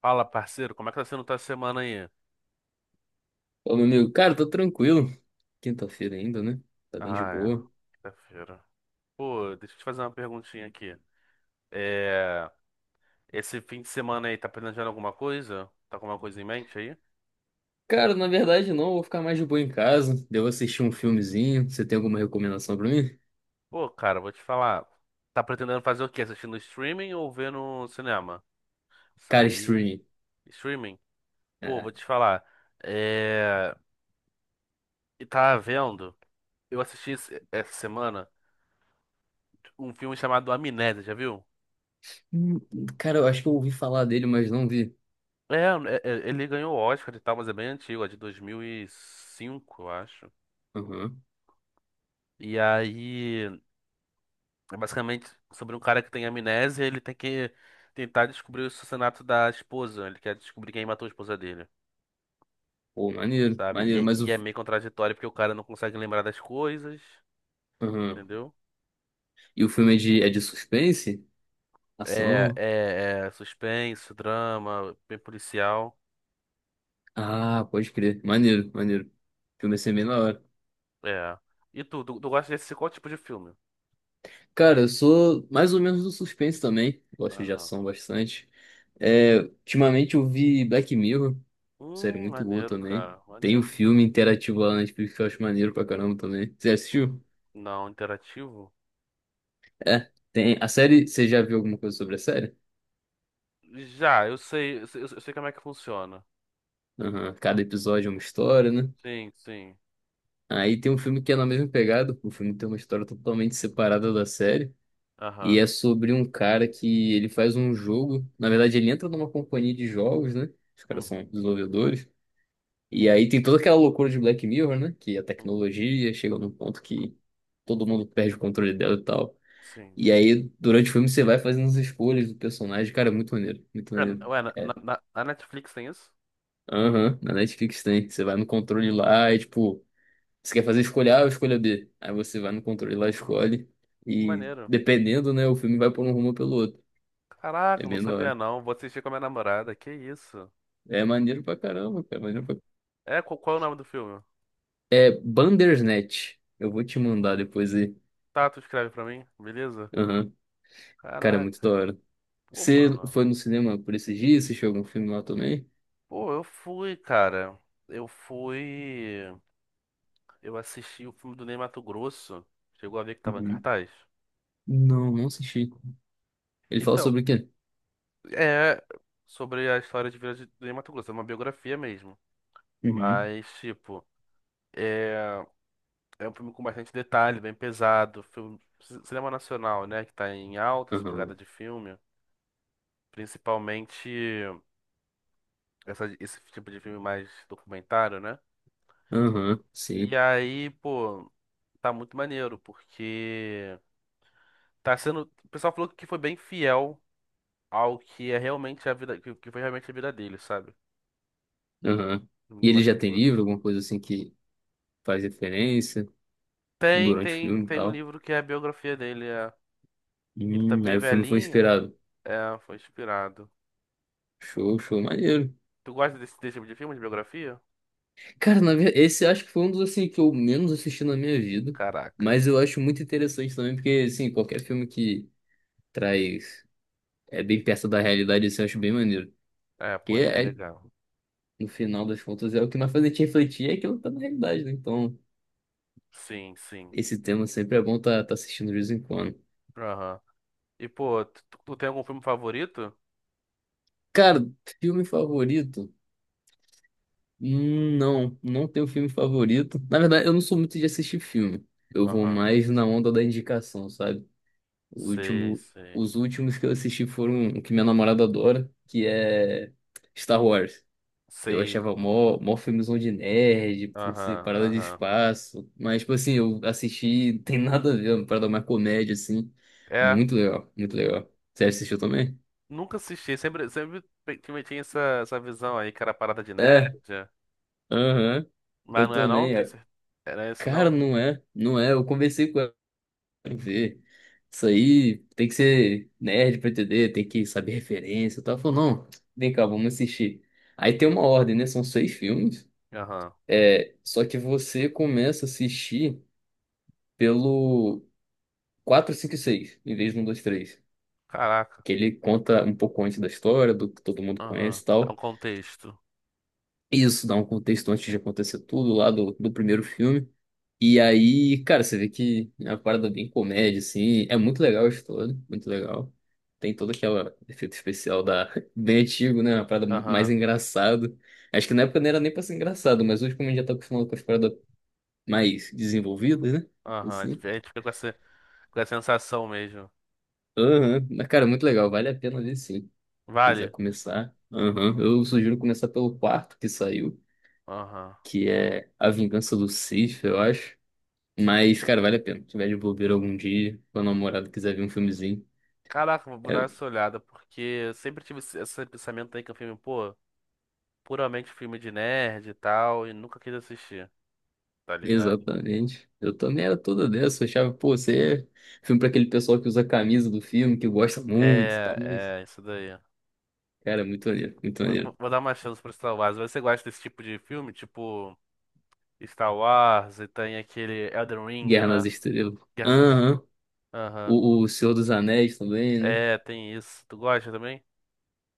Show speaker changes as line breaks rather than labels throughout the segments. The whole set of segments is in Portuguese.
Fala, parceiro, como é que tá sendo tua semana aí?
Ô, meu amigo, cara, tô tranquilo. Quinta-feira ainda, né? Tá bem de
Ah, é.
boa.
Quinta-feira. Pô, deixa eu te fazer uma perguntinha aqui. É. Esse fim de semana aí, tá planejando alguma coisa? Tá com alguma coisa em mente aí?
Cara, na verdade não, vou ficar mais de boa em casa. Devo assistir um filmezinho. Você tem alguma recomendação pra mim?
Pô, cara, vou te falar. Tá pretendendo fazer o quê? Assistindo streaming ou vendo cinema?
Cara,
Sair.
streaming.
Streaming? Pô, vou
É.
te falar. É. E tá vendo? Eu assisti essa semana um filme chamado Amnésia, já viu?
Hum, cara, eu acho que eu ouvi falar dele, mas não vi.
É, ele ganhou o Oscar e tal, mas é bem antigo, é de 2005, eu acho.
Aham.
E aí, é basicamente sobre um cara que tem amnésia, ele tem que tentar descobrir o assassinato da esposa. Ele quer descobrir quem matou a esposa dele,
Pô, maneiro,
sabe? E,
maneiro,
é
mas o.
e é meio contraditório porque o cara não consegue lembrar das coisas,
Aham.
entendeu?
E o filme é de suspense?
É,
Ação?
é, é suspense, drama, bem policial.
Ah, pode crer. Maneiro, maneiro. O filme assim, é ser bem na hora.
É. E tu gosta desse qual tipo de filme?
Cara, eu sou mais ou menos do suspense também. Gosto de
Aham.
ação bastante. É, ultimamente eu vi Black Mirror, série muito boa
Maneiro,
também.
cara,
Tem o
maneiro.
filme interativo lá na Netflix que eu acho maneiro pra caramba também. Você
Hum.
assistiu?
Não, interativo?
É, tem. A série, você já viu alguma coisa sobre a série?
Já, eu sei como é que funciona.
Aham, cada episódio é uma história, né?
Sim, sim.
Aí tem um filme que é na mesma pegada. O filme tem uma história totalmente separada da série. E
Aham.
é sobre um cara que ele faz um jogo. Na verdade, ele entra numa companhia de jogos, né? Os caras
Uhum,
são desenvolvedores. E aí tem toda aquela loucura de Black Mirror, né? Que a
uhum.
tecnologia chega num ponto que todo mundo perde o controle dela e tal.
Sim.
E aí, durante o filme, você vai fazendo as escolhas do personagem. Cara, é muito maneiro, muito
Ué, n-
maneiro.
ué, na,
É.
na- na Netflix tem isso?
Aham, na Netflix tem. Você vai no controle lá e, tipo, você quer fazer escolha A ou escolha B? Aí você vai no controle lá, e escolhe.
Que
E
maneiro.
dependendo, né, o filme vai por um rumo ou pelo outro. É
Caraca, não
bem da
sabia
hora.
não. Vou assistir com a minha namorada. Que isso?
É maneiro pra caramba, cara. É maneiro pra...
É, qual é o nome do filme?
É Bandersnatch. Eu vou te mandar depois aí.
Tá, tu escreve pra mim, beleza?
Aham. Cara, é muito da
Caraca.
hora.
Pô,
Você
mano.
foi no cinema por esses dias? Assistiu algum filme lá também?
Pô, eu fui, cara. Eu fui. Eu assisti o filme do Ney Matogrosso. Chegou a ver que tava em
Uhum.
cartaz?
Não, não assisti. Ele fala
Então,
sobre o quê?
é sobre a história de Vila de Mato Grosso, é uma biografia mesmo.
Uhum.
Mas, tipo, é, é um filme com bastante detalhe, bem pesado. Filme, cinema nacional, né? Que tá em alta essa
Aham.
pegada de filme. Principalmente esse tipo de filme mais documentário, né?
Aham,
E
sim.
aí, pô, tá muito maneiro, porque tá sendo. O pessoal falou que foi bem fiel ao que é realmente a vida, que foi realmente a vida dele, sabe?
Aham. E
De
ele
Mato
já tem livro,
Grosso.
alguma coisa assim que faz referência
Tem,
durante o
tem,
filme e
tem um
tal.
livro que é a biografia dele. É... Ele tá
Aí
bem
o filme foi
velhinho.
inspirado.
É, foi inspirado.
Show, show, maneiro.
Tu gosta desse tipo de filme, de biografia?
Cara, na verdade, esse acho que foi um dos assim que eu menos assisti na minha vida.
Caraca.
Mas eu acho muito interessante também, porque assim, qualquer filme que traz é bem perto da realidade, assim, eu acho bem maneiro.
É,
Porque
pô, é
é,
legal.
no final das contas, é o que mais faz a gente refletir, é que ela tá na realidade, né? Então,
Sim, sim.
esse tema sempre é bom tá, tá assistindo de vez em quando.
Aham. E, pô, tu tem algum filme favorito?
Cara, filme favorito? Não, não tenho filme favorito. Na verdade, eu não sou muito de assistir filme. Eu vou
Aham.
mais na onda da indicação, sabe? O
Sei,
último,
sei.
os últimos que eu assisti foram o que minha namorada adora, que é Star Wars. Eu
Sei.
achava mó, mó filmezão de nerd, por ser
Aham,
parada de
aham.
espaço. Mas, tipo assim, eu assisti, não tem nada a ver, é uma parada mais comédia, assim.
É,
Muito legal, muito legal. Você assistiu também?
nunca assisti. Tinha essa visão aí que era parada de
É,
nerd.
aham.
Mas
Eu
não é não?
também.
Tem
É.
certeza? Era isso
Cara,
não?
não é, não é. Eu conversei com ela pra ver. Isso aí tem que ser nerd pra entender, tem que saber referência e tal. Ela falou, não, vem cá, vamos assistir. Aí tem uma ordem, né? São seis filmes.
Aham.
É, só que você começa a assistir pelo. Quatro 5 e 6, em vez de um 2 três.
Caraca.
Que ele conta um pouco antes da história, do que todo mundo
Aham.
conhece e
Dá um
tal.
contexto.
Isso dá um contexto antes de acontecer tudo lá do primeiro filme. E aí, cara, você vê que é uma parada bem comédia, assim. É muito legal a história, muito legal. Tem todo aquele efeito especial da... bem antigo, né? Uma parada mais
Aham,
engraçado. Acho que na época não era nem pra ser engraçado, mas hoje, como a gente já tá acostumado com as paradas mais desenvolvidas, né?
aham. A gente
Assim.
a gente fica com com essa sensação mesmo.
Aham. Mas, cara, muito legal. Vale a pena ver, sim. Quiser
Vale?
começar. Aham. Eu sugiro começar pelo quarto que saiu,
Aham.
que é A Vingança do Sith, eu acho. Mas, cara, vale a pena. Se tiver de bobeira algum dia, quando a namorada quiser ver um filmezinho.
Caraca, vou
É,
dar essa olhada, porque eu sempre tive esse pensamento aí que é um filme, pô, puramente filme de nerd e tal, e nunca quis assistir, tá ligado?
exatamente. Eu também era toda dessa. Eu achava, pô, você é filme pra aquele pessoal que usa a camisa do filme, que gosta muito e tal. Mas,
É, é, isso daí.
cara, é muito maneiro, muito
Vou, vou-
maneiro.
vou dar uma chance pro Star Wars. Você gosta desse tipo de filme? Tipo, Star Wars, e tem aquele Elden Ring,
Guerra nas
né?
Estrelas.
Guerra nas...
Aham.
Aham.
O Senhor dos Anéis também, né?
É, tem isso. Tu gosta também?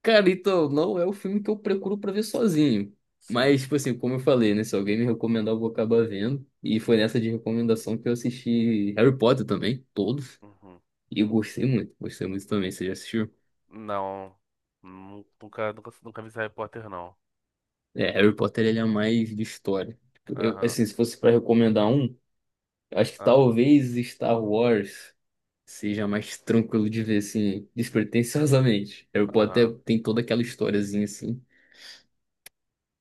Cara, então, não é o filme que eu procuro pra ver sozinho. Mas,
Sim.
tipo assim, como eu falei, né? Se alguém me recomendar, eu vou acabar vendo. E foi nessa de recomendação que eu assisti Harry Potter também, todos.
Uhum.
E eu gostei muito também. Você já assistiu?
Não. Nunca, nunca, nunca vi esse Harry Potter, não.
É, Harry Potter, ele é mais de história. Tipo, eu,
Aham,
assim, se fosse pra recomendar um, acho que
aham,
talvez Star Wars seja mais tranquilo de ver, assim, despretensiosamente. Harry
aham,
Potter tem toda aquela historiazinha, assim.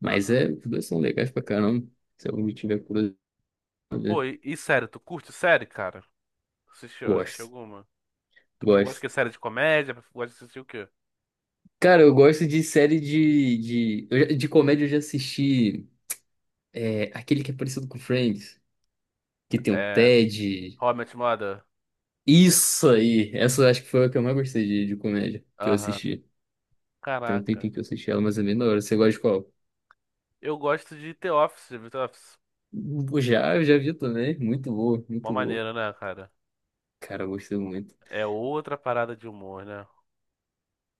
Mas
aham.
é, os dois são legais pra caramba. Se alguém tiver curiosidade.
Pô, e sério, tu curte série, cara? Assistiu, assistiu
Gosto,
alguma? Tu gosta
gosto.
de série de comédia? Gosta de assistir o quê?
Cara, eu gosto de série eu já- de comédia. Eu já assisti aquele que é parecido com Friends, que tem o
É.
Ted.
How I Met Your Mother?
Isso aí! Essa eu acho que foi a que eu mais gostei de comédia que eu
Aham.
assisti. Tem um
Caraca.
tempinho que eu assisti ela, mas é bem da hora. Você gosta de qual?
Eu gosto de The Office, já viu The Office.
Eu já vi também. Muito boa,
Uma
muito boa.
maneira, né, cara?
Cara, eu gostei muito.
É outra parada de humor, né?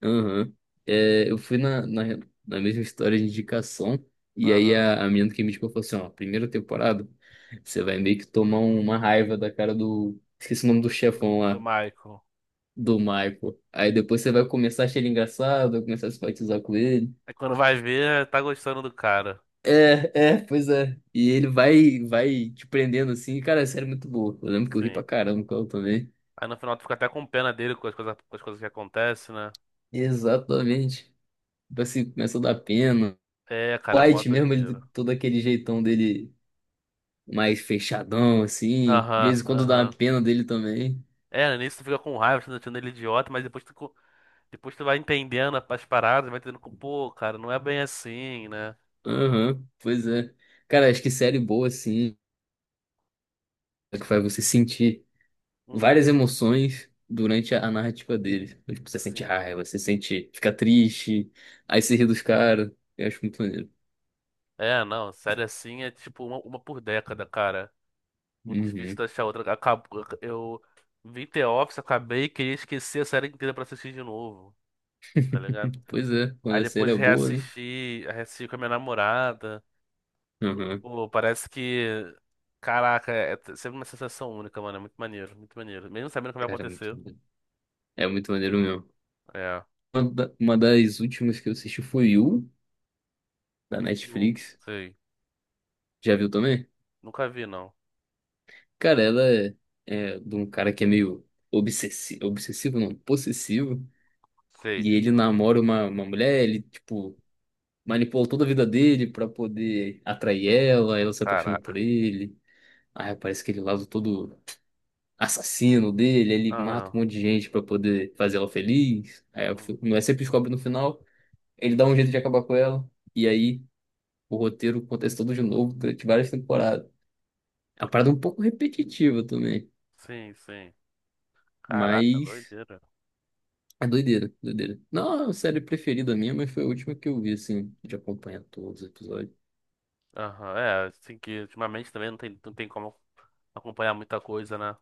Aham. É, eu fui na mesma história de indicação, e aí
Aham.
a menina que me indicou falou assim, ó, primeira temporada, você vai meio que tomar uma raiva da cara do... Esqueci o nome do
Do,
chefão
do
lá,
Michael.
do Michael. Aí depois você vai começar a achar ele engraçado, vai começar a simpatizar com ele.
É quando vai ver, tá gostando do cara.
Pois é. E ele vai te prendendo assim, cara, é sério, muito boa. Eu lembro que eu ri
Sim.
pra caramba com ela também.
Aí no final tu fica até com pena dele com as coisas que acontecem, né?
Exatamente. Tipo assim, começa a dar pena.
É, cara, é mó
White mesmo, ele
doideira.
todo aquele jeitão dele mais fechadão, assim. De
Aham,
vez em quando dá uma
aham.
pena dele também.
É, no início tu fica com raiva, tu achando ele idiota, mas depois tu, depois tu vai entendendo as paradas, vai entendendo que, pô, cara, não é bem assim, né?
Aham, pois é. Cara, acho que série boa, assim, é que faz você sentir
Uhum,
várias emoções durante a narrativa dele. Tipo, você sente
sim,
raiva, você sente, fica triste, aí você ri
sim.
dos caras. Eu acho muito maneiro.
É, não, série assim é tipo uma por década, cara. Muito difícil
Uhum.
tu achar outra. Acabou, eu vi The Office, acabei, queria esquecer a série inteira pra assistir de novo, tá ligado?
Pois é, quando
Aí
a série
depois
é boa, né?
reassisti, reassisti com a minha namorada.
Aham.
Pô, parece que. Caraca, sempre uma sensação única, mano. É muito maneiro, muito maneiro. Mesmo sabendo o que vai
Cara, é muito
acontecer.
maneiro. É muito maneiro mesmo.
É.
Uma das últimas que eu assisti foi You, da
Eu
Netflix.
sei.
Já viu também?
Nunca vi, não.
Cara, ela é de um cara que é meio obsessivo, obsessivo não, possessivo,
Sei.
e ele namora uma mulher, ele, tipo, manipulou toda a vida dele pra poder atrair ela, ela se apaixona por
Caraca.
ele, aí parece que ele lado todo assassino dele, ele mata
Aham.
um monte de gente pra poder fazer ela feliz, aí a
Uhum.
fi- mulher sempre descobre no final, ele dá um jeito de acabar com ela, e aí o roteiro acontece todo de novo durante várias temporadas. É uma parada um pouco repetitiva também,
Sim, sim. Caraca,
mas...
doideira.
É doideira, doideira. Não, a série preferida minha, mas foi a última que eu vi, assim, de acompanhar todos os episódios.
Aham. É, assim que ultimamente também não tem como acompanhar muita coisa, né?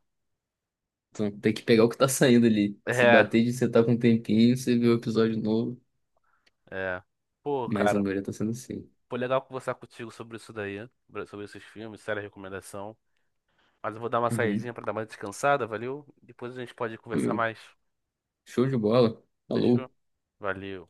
Então tem que pegar o que tá saindo ali. Se
É,
bater de sentar com um tempinho, você vê o episódio novo.
é. Pô,
Mas a
cara,
maioria tá sendo assim.
foi legal conversar contigo sobre isso daí, sobre esses filmes, séria recomendação. Mas eu vou dar uma
Uhum.
saidinha pra dar uma descansada, valeu? Depois a gente pode conversar mais.
Show de bola. Alô.
Fechou? Valeu.